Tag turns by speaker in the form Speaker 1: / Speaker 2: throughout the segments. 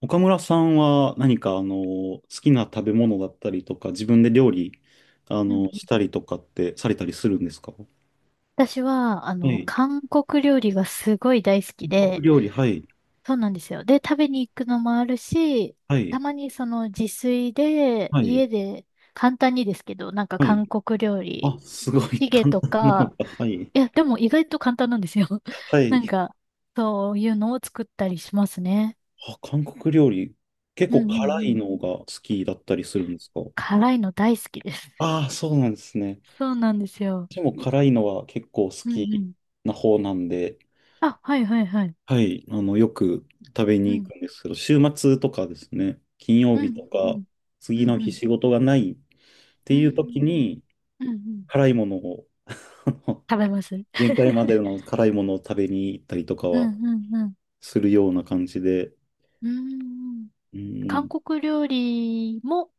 Speaker 1: 岡村さんは何か好きな食べ物だったりとか自分で料理
Speaker 2: うんう
Speaker 1: し
Speaker 2: ん。
Speaker 1: たりとかってされたりするんですか？は
Speaker 2: 私は、
Speaker 1: い。
Speaker 2: 韓国料理がすごい大好き
Speaker 1: 韓国
Speaker 2: で、
Speaker 1: 料理、はい。
Speaker 2: そうなんですよ。で、食べに行くのもあるし、
Speaker 1: は
Speaker 2: た
Speaker 1: い。
Speaker 2: まにその自炊で、
Speaker 1: はい。
Speaker 2: 家で、簡単にですけど、なんか
Speaker 1: はい。
Speaker 2: 韓国料理、
Speaker 1: あ、すごい
Speaker 2: チ ゲ
Speaker 1: 簡
Speaker 2: と
Speaker 1: 単なの
Speaker 2: か、
Speaker 1: か。はい。
Speaker 2: いや、でも意外と簡単なんですよ。
Speaker 1: は
Speaker 2: なん
Speaker 1: い。
Speaker 2: か、そういうのを作ったりしますね。
Speaker 1: あ、韓国料理、結
Speaker 2: うん
Speaker 1: 構
Speaker 2: うん
Speaker 1: 辛
Speaker 2: う
Speaker 1: い
Speaker 2: ん。
Speaker 1: のが好きだったりするんですか？
Speaker 2: 辛いの大好きです。
Speaker 1: ああー、そうなんですね。
Speaker 2: そうなんですよ。
Speaker 1: 私も辛いのは結構好
Speaker 2: うんう
Speaker 1: き
Speaker 2: ん。
Speaker 1: な方なんで、
Speaker 2: あ、はいはいはい。
Speaker 1: はい、よく食べ
Speaker 2: う
Speaker 1: に行
Speaker 2: ん。
Speaker 1: くんですけど、週末とかですね、金曜
Speaker 2: う
Speaker 1: 日と
Speaker 2: んうんう
Speaker 1: か、
Speaker 2: ん。う
Speaker 1: 次
Speaker 2: ん
Speaker 1: の
Speaker 2: う
Speaker 1: 日
Speaker 2: ん。
Speaker 1: 仕事がないって
Speaker 2: う
Speaker 1: いう時
Speaker 2: ん
Speaker 1: に、
Speaker 2: うんうん。
Speaker 1: 辛いものを、
Speaker 2: 食べます。
Speaker 1: 限界まで の辛いものを食べに行ったりとか
Speaker 2: うんう
Speaker 1: は
Speaker 2: んうん。
Speaker 1: するような感じで、
Speaker 2: うーん
Speaker 1: う
Speaker 2: 韓
Speaker 1: ん、
Speaker 2: 国料理も、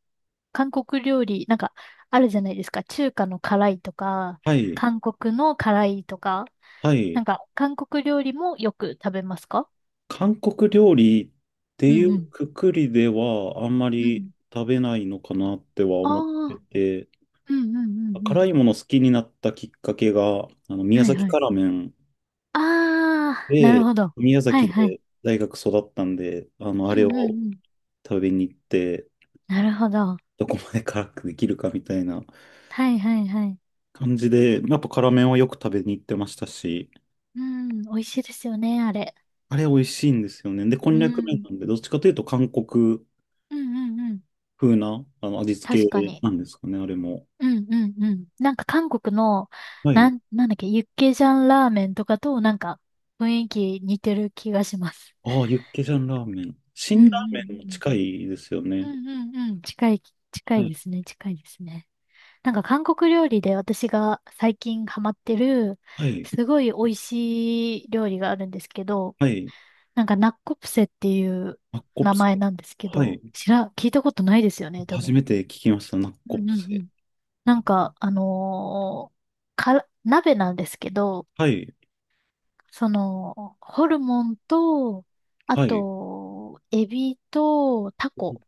Speaker 2: 韓国料理、なんか、あるじゃないですか。中華の辛いとか、
Speaker 1: はい、
Speaker 2: 韓国の辛いとか、
Speaker 1: は
Speaker 2: な
Speaker 1: い。
Speaker 2: んか、韓国料理もよく食べますか？
Speaker 1: 韓国料理って
Speaker 2: う
Speaker 1: い
Speaker 2: んう
Speaker 1: う
Speaker 2: ん。
Speaker 1: くくりではあんま
Speaker 2: う
Speaker 1: り
Speaker 2: ん。
Speaker 1: 食べないのかなっては
Speaker 2: あ
Speaker 1: 思って
Speaker 2: あ、
Speaker 1: て、
Speaker 2: うんうんうんう
Speaker 1: 辛
Speaker 2: ん。
Speaker 1: いもの好きになったきっかけが、宮
Speaker 2: はい
Speaker 1: 崎
Speaker 2: はい。
Speaker 1: 辛麺
Speaker 2: ああ、なる
Speaker 1: で、
Speaker 2: ほど。
Speaker 1: 宮
Speaker 2: は
Speaker 1: 崎
Speaker 2: いはい。
Speaker 1: で大学育ったんで、
Speaker 2: う
Speaker 1: あ
Speaker 2: ん
Speaker 1: れ
Speaker 2: うん
Speaker 1: を
Speaker 2: うん。
Speaker 1: 食べに行って、
Speaker 2: なるほど。
Speaker 1: どこまで辛くできるかみたいな
Speaker 2: はいはいはい。
Speaker 1: 感じで、やっぱ辛麺はよく食べに行ってましたし、
Speaker 2: うん、美味しいですよね、あれ。
Speaker 1: あれ美味しいんですよね。で、こん
Speaker 2: う
Speaker 1: にゃく麺
Speaker 2: ん。
Speaker 1: なんで、どっちかというと韓国
Speaker 2: うんうんうん。
Speaker 1: 風な味付
Speaker 2: 確か
Speaker 1: け
Speaker 2: に。
Speaker 1: なんですかね、あれも。
Speaker 2: うんうんうん。なんか韓国の、
Speaker 1: は
Speaker 2: な
Speaker 1: い。
Speaker 2: ん、なんだっけ、ユッケジャンラーメンとかとなんか雰囲気似てる気がします。
Speaker 1: ああ、ユッケジャンラーメン。
Speaker 2: うんう
Speaker 1: 辛ラーメンも
Speaker 2: ん
Speaker 1: 近いですよ
Speaker 2: う
Speaker 1: ね。
Speaker 2: ん。うんうんうん。近い、近
Speaker 1: は
Speaker 2: い
Speaker 1: い。
Speaker 2: ですね、近いですね。なんか韓国料理で私が最近ハマってる、
Speaker 1: はい。
Speaker 2: すごい美味しい料理があるんですけど、
Speaker 1: はい。
Speaker 2: なんかナッコプセっていう
Speaker 1: ナッコ
Speaker 2: 名
Speaker 1: プセ。
Speaker 2: 前なんですけ
Speaker 1: は
Speaker 2: ど、
Speaker 1: い。
Speaker 2: 聞いたことないですよね、多
Speaker 1: 初
Speaker 2: 分。
Speaker 1: めて聞きました、ナッ
Speaker 2: う
Speaker 1: コ
Speaker 2: ん
Speaker 1: プ
Speaker 2: うんう
Speaker 1: セ。
Speaker 2: ん。なんか、から、鍋なんですけど、
Speaker 1: はい。
Speaker 2: その、ホルモンと、あ
Speaker 1: はい。
Speaker 2: と、エビとタコ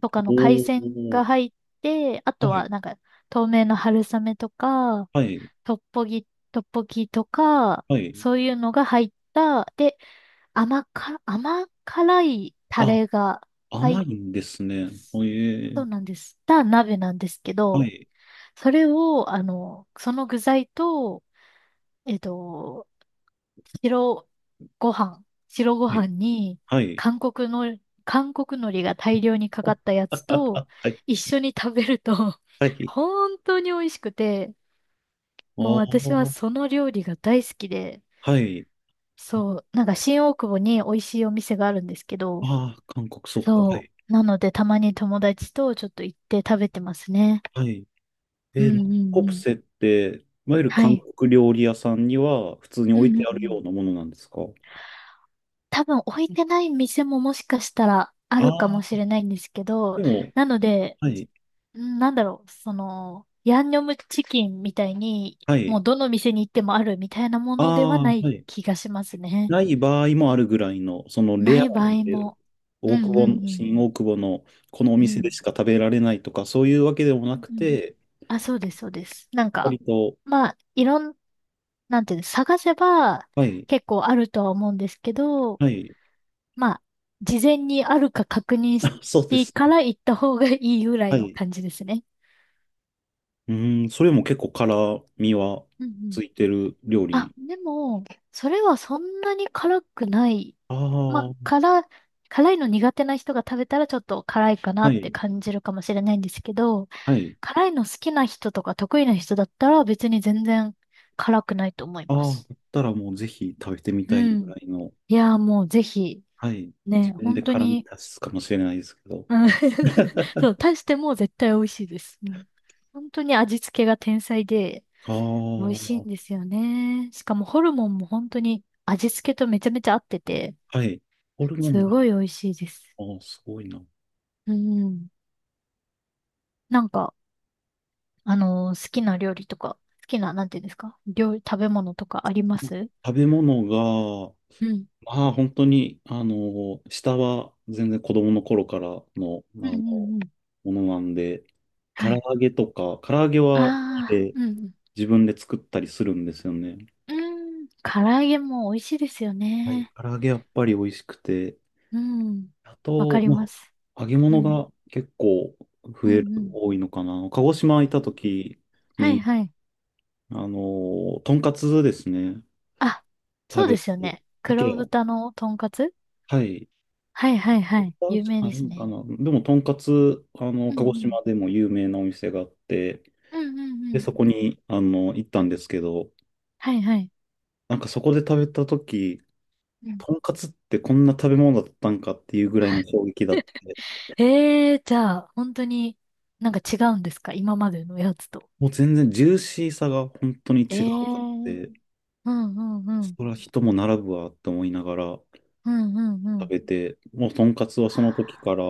Speaker 2: とかの海
Speaker 1: おお
Speaker 2: 鮮
Speaker 1: ー、
Speaker 2: が入って、あ
Speaker 1: は
Speaker 2: と
Speaker 1: い、
Speaker 2: はなんか、透明の春雨とか、
Speaker 1: はい、
Speaker 2: トッポギとか、
Speaker 1: はい。
Speaker 2: そういうのが入った、で、甘辛いタ
Speaker 1: あ、
Speaker 2: レが入っ
Speaker 1: 甘い
Speaker 2: た、
Speaker 1: んですね。おえ
Speaker 2: そ
Speaker 1: ー、
Speaker 2: うなんです。た鍋なんですけ
Speaker 1: は
Speaker 2: ど、
Speaker 1: い、
Speaker 2: それを、その具材と、えっと、白ご飯、白ご
Speaker 1: はい、
Speaker 2: 飯に
Speaker 1: はい。
Speaker 2: 韓国の、韓国海苔が大量にかかったや つと
Speaker 1: はい、
Speaker 2: 一緒に食べると
Speaker 1: は い。
Speaker 2: 本当に美味しくて、も
Speaker 1: お
Speaker 2: う私は
Speaker 1: ー、
Speaker 2: その料理が大好きで、
Speaker 1: はい。あ
Speaker 2: そう、なんか新大久保に美味しいお店があるんですけど、
Speaker 1: あー、韓国、そっか。は
Speaker 2: そ
Speaker 1: い、
Speaker 2: う、なのでたまに友達とちょっと行って食べてますね。
Speaker 1: はい。
Speaker 2: う
Speaker 1: えー、
Speaker 2: ん
Speaker 1: ナッ
Speaker 2: う
Speaker 1: コ
Speaker 2: んう
Speaker 1: プ
Speaker 2: ん。
Speaker 1: セって、いわゆる
Speaker 2: は
Speaker 1: 韓
Speaker 2: い。
Speaker 1: 国料理屋さんには普通に
Speaker 2: う
Speaker 1: 置い
Speaker 2: んう
Speaker 1: て
Speaker 2: ん
Speaker 1: あ
Speaker 2: う
Speaker 1: るよ
Speaker 2: ん。
Speaker 1: うなものなんですか？
Speaker 2: 多分置いてない店ももしかしたらあるか
Speaker 1: あ
Speaker 2: もし
Speaker 1: あ
Speaker 2: れないんですけ
Speaker 1: ー、で
Speaker 2: ど、
Speaker 1: も、
Speaker 2: なので、
Speaker 1: はい、
Speaker 2: その、ヤンニョムチキンみたいに、
Speaker 1: は
Speaker 2: も
Speaker 1: い。
Speaker 2: うどの店に行ってもあるみたいなも
Speaker 1: あ
Speaker 2: のでは
Speaker 1: あ、
Speaker 2: ない
Speaker 1: はい。
Speaker 2: 気がしますね。
Speaker 1: ない場合もあるぐらいの、その
Speaker 2: な
Speaker 1: レア
Speaker 2: い場合
Speaker 1: で
Speaker 2: も。う
Speaker 1: 大久
Speaker 2: んう
Speaker 1: 保
Speaker 2: ん
Speaker 1: の、
Speaker 2: うん。
Speaker 1: 新大久保のこのお
Speaker 2: う
Speaker 1: 店で
Speaker 2: ん。
Speaker 1: しか食べられないとか、そういうわけでも
Speaker 2: う
Speaker 1: な
Speaker 2: ん
Speaker 1: く
Speaker 2: うん。
Speaker 1: て、
Speaker 2: あ、そうです、そうです。なんか、
Speaker 1: 割と、
Speaker 2: まあ、いろん、なんていうの、探せば
Speaker 1: はい、
Speaker 2: 結構あるとは思うんですけど、
Speaker 1: はい、
Speaker 2: まあ、事前にあるか確認し
Speaker 1: あそうで
Speaker 2: て
Speaker 1: す。
Speaker 2: から行った方がいいぐらい
Speaker 1: は
Speaker 2: の
Speaker 1: い。
Speaker 2: 感じですね。
Speaker 1: うーん、それも結構辛みは
Speaker 2: うんうん。
Speaker 1: ついてる料
Speaker 2: あ、
Speaker 1: 理。
Speaker 2: でも、それはそんなに辛くない。
Speaker 1: ああ、
Speaker 2: まあ、
Speaker 1: は
Speaker 2: 辛いの苦手な人が食べたらちょっと辛いかなって
Speaker 1: い、
Speaker 2: 感じるかもしれないんですけど、
Speaker 1: はい。
Speaker 2: 辛いの好きな人とか得意な人だったら別に全然辛くないと思いま
Speaker 1: ああ、
Speaker 2: す。
Speaker 1: だったらもうぜひ食べてみ
Speaker 2: う
Speaker 1: たいぐ
Speaker 2: ん。
Speaker 1: らいの、
Speaker 2: いやーもうぜひ、
Speaker 1: はい。自
Speaker 2: ね、
Speaker 1: 分で
Speaker 2: 本当
Speaker 1: 辛み
Speaker 2: に。
Speaker 1: 足すかもしれないですけど。
Speaker 2: うん。 そ う、足しても絶対美味しいです。うん、本当に味付けが天才で
Speaker 1: あ
Speaker 2: 美味しい
Speaker 1: あ、
Speaker 2: んですよね。しかもホルモンも本当に味付けとめちゃめちゃ合ってて、
Speaker 1: はい。ホルモン
Speaker 2: す
Speaker 1: が、
Speaker 2: ごい美味しいです。
Speaker 1: ああ、すごいな。
Speaker 2: うん。なんか、好きな料理とか、好きな、なんていうんですか、料理、食べ物とかあります？
Speaker 1: 食べ物が、
Speaker 2: うん。
Speaker 1: まあ、本当に、下は全然子供の頃からの、
Speaker 2: うんう
Speaker 1: の、も
Speaker 2: んうん。
Speaker 1: のなんで、唐
Speaker 2: はい。
Speaker 1: 揚げとか、唐揚げは好き
Speaker 2: ああ、
Speaker 1: で
Speaker 2: うん。
Speaker 1: 自分で作ったりするんですよね。
Speaker 2: うん。うん。唐揚げも美味しいですよ
Speaker 1: はい。
Speaker 2: ね。
Speaker 1: 唐揚げやっぱり美味しくて、
Speaker 2: うん。
Speaker 1: あ
Speaker 2: わか
Speaker 1: と、
Speaker 2: り
Speaker 1: ま
Speaker 2: ます。
Speaker 1: あ、揚げ
Speaker 2: う
Speaker 1: 物
Speaker 2: ん。
Speaker 1: が結構増
Speaker 2: うん
Speaker 1: える、
Speaker 2: うん。
Speaker 1: 多いのかな。鹿児島行った時
Speaker 2: はい
Speaker 1: に、
Speaker 2: はい。
Speaker 1: とんかつですね、
Speaker 2: あ、
Speaker 1: 食
Speaker 2: そうで
Speaker 1: べ
Speaker 2: すよ
Speaker 1: て、
Speaker 2: ね。
Speaker 1: 鮭
Speaker 2: 黒
Speaker 1: や、
Speaker 2: 豚のとんかつ。
Speaker 1: はい、
Speaker 2: はいは
Speaker 1: 確
Speaker 2: いはい。有名
Speaker 1: かに
Speaker 2: で
Speaker 1: いい
Speaker 2: す
Speaker 1: んか
Speaker 2: ね。
Speaker 1: な。でも、とんかつ、
Speaker 2: うんう
Speaker 1: 鹿児
Speaker 2: ん。
Speaker 1: 島でも有名なお店があって、
Speaker 2: うんうんう
Speaker 1: で、
Speaker 2: ん。
Speaker 1: そこに、行ったんですけど、
Speaker 2: はいはい。
Speaker 1: なんかそこで食べた時
Speaker 2: うん。
Speaker 1: とんかつってこんな食べ物だったんかっていうぐらいの衝撃だって、
Speaker 2: ええー、じゃあ、本当になんか違うんですか、今までのやつと？
Speaker 1: もう全然ジューシーさが本当に
Speaker 2: ええ
Speaker 1: 違うかっ
Speaker 2: ー。
Speaker 1: て、
Speaker 2: うんうんうん。
Speaker 1: それは人も並ぶわって思いながら
Speaker 2: うんうんう
Speaker 1: 食
Speaker 2: ん。
Speaker 1: べて、もうとんかつは
Speaker 2: うわ
Speaker 1: その時から、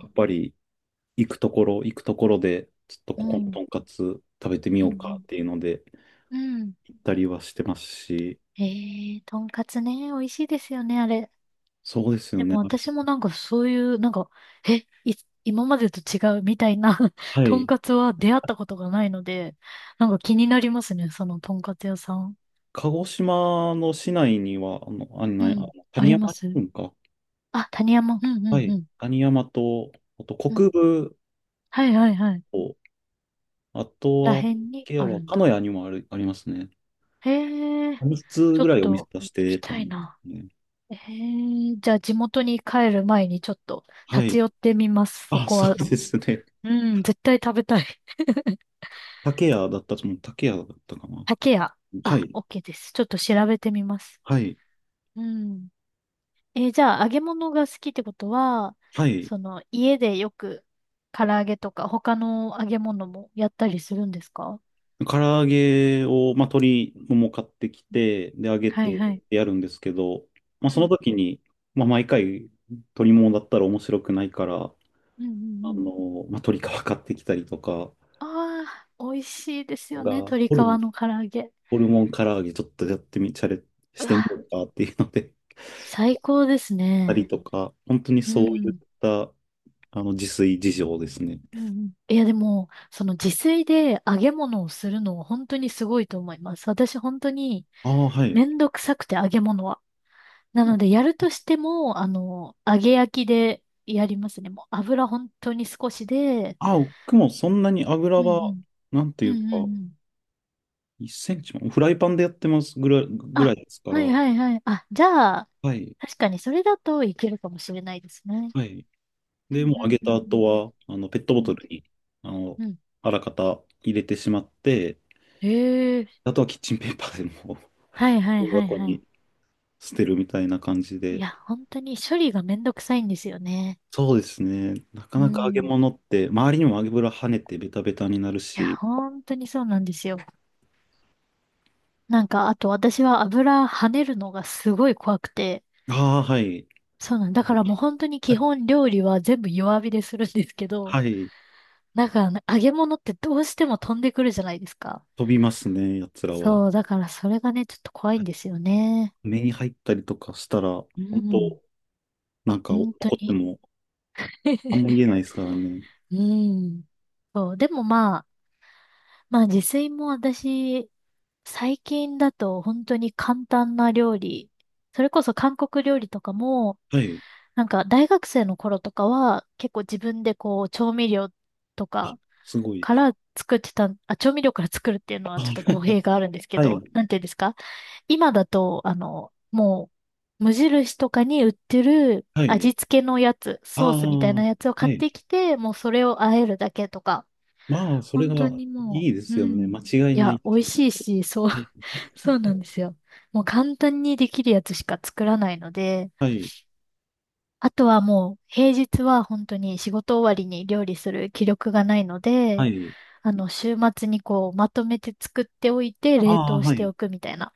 Speaker 1: やっぱり行くところ、行くところで、ちょっと
Speaker 2: ー。う
Speaker 1: ここの
Speaker 2: ん
Speaker 1: とんかつ食べてみ
Speaker 2: うん
Speaker 1: よ
Speaker 2: う
Speaker 1: うかっ
Speaker 2: ん
Speaker 1: ていうので、
Speaker 2: うん。うん。
Speaker 1: 行ったりはしてますし、
Speaker 2: ええー、とんかつね、美味しいですよね、あれ。
Speaker 1: そうですよ
Speaker 2: で
Speaker 1: ね。
Speaker 2: も
Speaker 1: あれ
Speaker 2: 私もなんかそういう、なんか、え、い、今までと違うみたいな
Speaker 1: は
Speaker 2: とん
Speaker 1: い。
Speaker 2: かつは出会ったことがないので、なんか気になりますね、そのとんかつ屋さん。
Speaker 1: 鹿児島の市内には、あの、あんな、あ
Speaker 2: う
Speaker 1: の
Speaker 2: ん。あ
Speaker 1: 谷
Speaker 2: りま
Speaker 1: 山に
Speaker 2: す。
Speaker 1: 行くんか。
Speaker 2: あ、谷山。うんう
Speaker 1: は
Speaker 2: んう
Speaker 1: い。
Speaker 2: ん。
Speaker 1: 谷山と、あと
Speaker 2: う
Speaker 1: 国
Speaker 2: ん。
Speaker 1: 分
Speaker 2: はいはいはい。
Speaker 1: と、あと
Speaker 2: ら
Speaker 1: は、
Speaker 2: へんに
Speaker 1: ケア
Speaker 2: ある
Speaker 1: は、
Speaker 2: ん
Speaker 1: 鹿
Speaker 2: だ。
Speaker 1: 屋にもある、ありますね。
Speaker 2: へえ、
Speaker 1: 3つ
Speaker 2: ちょ
Speaker 1: ぐ
Speaker 2: っ
Speaker 1: らいお店
Speaker 2: と
Speaker 1: 出し
Speaker 2: 行き
Speaker 1: てた
Speaker 2: たい
Speaker 1: んで
Speaker 2: な。
Speaker 1: すね。
Speaker 2: ええ、じゃあ地元に帰る前にちょっと
Speaker 1: は
Speaker 2: 立
Speaker 1: い。
Speaker 2: ち寄ってみます、そ
Speaker 1: あ、
Speaker 2: こ
Speaker 1: そ
Speaker 2: は。
Speaker 1: うですね。
Speaker 2: うん、絶対食べたい。
Speaker 1: 竹屋だったと思う。竹屋だったかな。
Speaker 2: 竹屋。
Speaker 1: は
Speaker 2: あ、
Speaker 1: い。
Speaker 2: OK です。ちょっと調べてみます。
Speaker 1: はい。
Speaker 2: うん。え、じゃあ、揚げ物が好きってことは、
Speaker 1: はい。
Speaker 2: その、家でよく、唐揚げとか、他の揚げ物もやったりするんですか？
Speaker 1: 唐揚げを、まあ、鶏もも買ってきて、で、揚げ
Speaker 2: はい
Speaker 1: て
Speaker 2: はい。
Speaker 1: やるんですけど、まあ、
Speaker 2: う
Speaker 1: その
Speaker 2: ん。
Speaker 1: 時に、まあ、毎回、鶏ももだったら面白くないから、
Speaker 2: うんうんうん。
Speaker 1: まあ、鶏皮買ってきたりとか
Speaker 2: ああ、美味しいですよね。
Speaker 1: が、
Speaker 2: 鶏皮の唐揚げ。
Speaker 1: ホルモン唐揚げちょっとやってみ、チャレ
Speaker 2: う
Speaker 1: してみよ
Speaker 2: わ、
Speaker 1: うかっていうので、
Speaker 2: 最高です
Speaker 1: たり
Speaker 2: ね。
Speaker 1: とか、本当に
Speaker 2: う
Speaker 1: そういっ
Speaker 2: ん。
Speaker 1: た、自炊事情ですね。
Speaker 2: うんうん。いや、でも、その自炊で揚げ物をするのは本当にすごいと思います。私本当に
Speaker 1: ああ、はい。
Speaker 2: めんどくさくて揚げ物は。なので、やるとしても、揚げ焼きでやりますね。もう油本当に少しで、
Speaker 1: あ、僕もそんなに油
Speaker 2: うんう
Speaker 1: は、
Speaker 2: ん。
Speaker 1: なんて
Speaker 2: う
Speaker 1: い
Speaker 2: ん
Speaker 1: う
Speaker 2: う
Speaker 1: か、
Speaker 2: んうん。
Speaker 1: 1センチも、フライパンでやってますぐらい、ぐら
Speaker 2: あ、
Speaker 1: いですか
Speaker 2: はい
Speaker 1: ら、
Speaker 2: はいはい。あ、じゃあ、
Speaker 1: はい、
Speaker 2: 確かにそれだといけるかもしれないですね。
Speaker 1: はい。
Speaker 2: うん
Speaker 1: で、もう
Speaker 2: う
Speaker 1: あ
Speaker 2: ん
Speaker 1: げ
Speaker 2: う
Speaker 1: た
Speaker 2: んう
Speaker 1: 後
Speaker 2: ん。
Speaker 1: は、ペットボ
Speaker 2: う
Speaker 1: ト
Speaker 2: ん
Speaker 1: ルに、あの、
Speaker 2: うん。
Speaker 1: あらかた入れてしまって、
Speaker 2: ええ。
Speaker 1: あとはキッチンペーパーでもう
Speaker 2: はいはい
Speaker 1: ゴミ
Speaker 2: はい
Speaker 1: 箱
Speaker 2: はい。
Speaker 1: に捨てるみたいな感じ
Speaker 2: い
Speaker 1: で。
Speaker 2: や、本当に処理がめんどくさいんですよね。
Speaker 1: そうですね。なか
Speaker 2: う
Speaker 1: なか揚げ
Speaker 2: ん。
Speaker 1: 物って、周りにも油跳ねてベタベタになる
Speaker 2: いや、
Speaker 1: し、
Speaker 2: 本当にそうなんですよ。なんか、あと私は油跳ねるのがすごい怖くて、
Speaker 1: ああ、はい。
Speaker 2: そうなんだからもう本当に基本料理は全部弱火でするんですけど、
Speaker 1: はい。
Speaker 2: なんかね、揚げ物ってどうしても飛んでくるじゃないですか。
Speaker 1: 飛びますね、やつらは。
Speaker 2: そう、だからそれがね、ちょっと怖いんですよね。
Speaker 1: 目に入ったりとかしたら、
Speaker 2: う
Speaker 1: 本当
Speaker 2: ん、
Speaker 1: なんか怒
Speaker 2: 本当
Speaker 1: って
Speaker 2: に。
Speaker 1: も、あんま言 えないですからね。
Speaker 2: うん。そう、でもまあ自炊も私、最近だと本当に簡単な料理、それこそ韓国料理とかも、
Speaker 1: はい。
Speaker 2: なんか大学生の頃とかは結構自分でこう調味料とか
Speaker 1: すごい。
Speaker 2: から作ってた、あ、調味料から作るっていうのは
Speaker 1: あ
Speaker 2: ちょっと語弊があるんです け
Speaker 1: はい。
Speaker 2: ど、なんていうんですか、今だと、もう、無印とかに売ってる
Speaker 1: はい。
Speaker 2: 味付けのやつ、
Speaker 1: あ
Speaker 2: ソースみた
Speaker 1: あ、
Speaker 2: いなやつを買
Speaker 1: は
Speaker 2: っ
Speaker 1: い。
Speaker 2: てきて、もうそれを和えるだけとか、
Speaker 1: まあ、それが
Speaker 2: 本当に
Speaker 1: い
Speaker 2: も
Speaker 1: いで
Speaker 2: う、
Speaker 1: す
Speaker 2: う
Speaker 1: よね。
Speaker 2: ん。
Speaker 1: 間違い
Speaker 2: い
Speaker 1: な
Speaker 2: や、
Speaker 1: い
Speaker 2: 美味
Speaker 1: し。
Speaker 2: しいし、そう、
Speaker 1: はい。
Speaker 2: そうなんですよ。もう簡単にできるやつしか作らないので、
Speaker 1: はい。
Speaker 2: あとはもう平日は本当に仕事終わりに料理する気力がないの
Speaker 1: は
Speaker 2: で、
Speaker 1: い。
Speaker 2: 週末にこう、まとめて作っておいて、冷
Speaker 1: ああ、
Speaker 2: 凍し
Speaker 1: は
Speaker 2: て
Speaker 1: い。
Speaker 2: おくみたいな。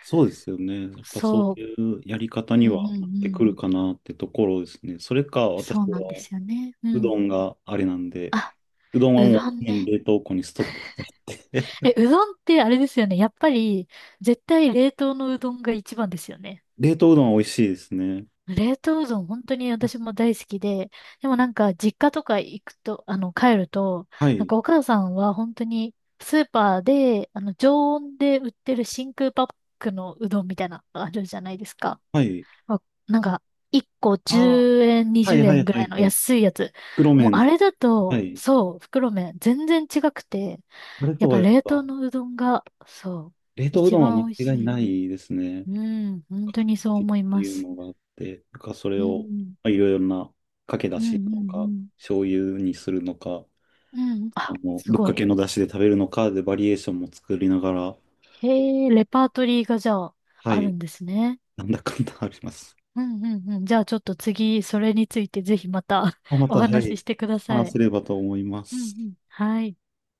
Speaker 1: そうですよね。やっぱそ
Speaker 2: そ
Speaker 1: う
Speaker 2: う。
Speaker 1: いうやり方
Speaker 2: う
Speaker 1: に
Speaker 2: ん
Speaker 1: は
Speaker 2: う
Speaker 1: なっ
Speaker 2: ん
Speaker 1: て
Speaker 2: う
Speaker 1: く
Speaker 2: ん。
Speaker 1: るかなってところですね。それか、私
Speaker 2: そうなんで
Speaker 1: は、
Speaker 2: すよね。う
Speaker 1: う
Speaker 2: ん。
Speaker 1: どんがあれなんで、
Speaker 2: あ、
Speaker 1: うどん
Speaker 2: う
Speaker 1: はも
Speaker 2: ど
Speaker 1: う
Speaker 2: ん
Speaker 1: 常に
Speaker 2: ね。
Speaker 1: 冷凍庫にストックしてあって。
Speaker 2: え、うどんってあれですよね。やっぱり、絶対冷凍のうどんが一番ですよね。
Speaker 1: 冷凍うどんは美味しいですね。
Speaker 2: 冷凍うどん本当に私も大好きで、でもなんか実家とか行くと、帰ると、
Speaker 1: は
Speaker 2: なん
Speaker 1: い。
Speaker 2: かお母さんは本当にスーパーで、常温で売ってる真空パックのうどんみたいなのあるじゃないですか。
Speaker 1: はい。
Speaker 2: あ、なんか、1個
Speaker 1: ああ、
Speaker 2: 10円、
Speaker 1: は
Speaker 2: 20
Speaker 1: いはい
Speaker 2: 円ぐ
Speaker 1: は
Speaker 2: らい
Speaker 1: い
Speaker 2: の
Speaker 1: はい。
Speaker 2: 安いやつ。
Speaker 1: 袋
Speaker 2: もうあ
Speaker 1: 麺。
Speaker 2: れだ
Speaker 1: は
Speaker 2: と、
Speaker 1: い。
Speaker 2: そう、袋麺全然違くて、
Speaker 1: あれ
Speaker 2: やっ
Speaker 1: とは
Speaker 2: ぱ
Speaker 1: やっ
Speaker 2: 冷凍
Speaker 1: ぱ、
Speaker 2: のうどんが、そう、
Speaker 1: 冷凍う
Speaker 2: 一
Speaker 1: どんは
Speaker 2: 番美味
Speaker 1: 間
Speaker 2: し
Speaker 1: 違いな
Speaker 2: い。
Speaker 1: いですね。
Speaker 2: うん、本当にそう
Speaker 1: 形っ
Speaker 2: 思い
Speaker 1: て
Speaker 2: ま
Speaker 1: いう
Speaker 2: す。
Speaker 1: のがあって、なんかそれ
Speaker 2: う
Speaker 1: を
Speaker 2: ん、
Speaker 1: まあいろいろなかけだ
Speaker 2: うん、う
Speaker 1: しなのか、
Speaker 2: ん、
Speaker 1: 醤油にするのか、
Speaker 2: うん。うん、あ、す
Speaker 1: ぶっ
Speaker 2: ご
Speaker 1: か
Speaker 2: い。
Speaker 1: けのだしで食べるのかでバリエーションも作りながら、
Speaker 2: へえ、レパートリーがじゃあ、
Speaker 1: は
Speaker 2: ある
Speaker 1: い、
Speaker 2: んですね。
Speaker 1: なんだかんだあります。
Speaker 2: うん、うん、うん。じゃあちょっと次、それについてぜひまた
Speaker 1: まあ ま
Speaker 2: お
Speaker 1: た、は
Speaker 2: 話し
Speaker 1: い、
Speaker 2: してくださ
Speaker 1: 話
Speaker 2: い。
Speaker 1: せればと思いま
Speaker 2: うん、う
Speaker 1: す。
Speaker 2: ん。はい。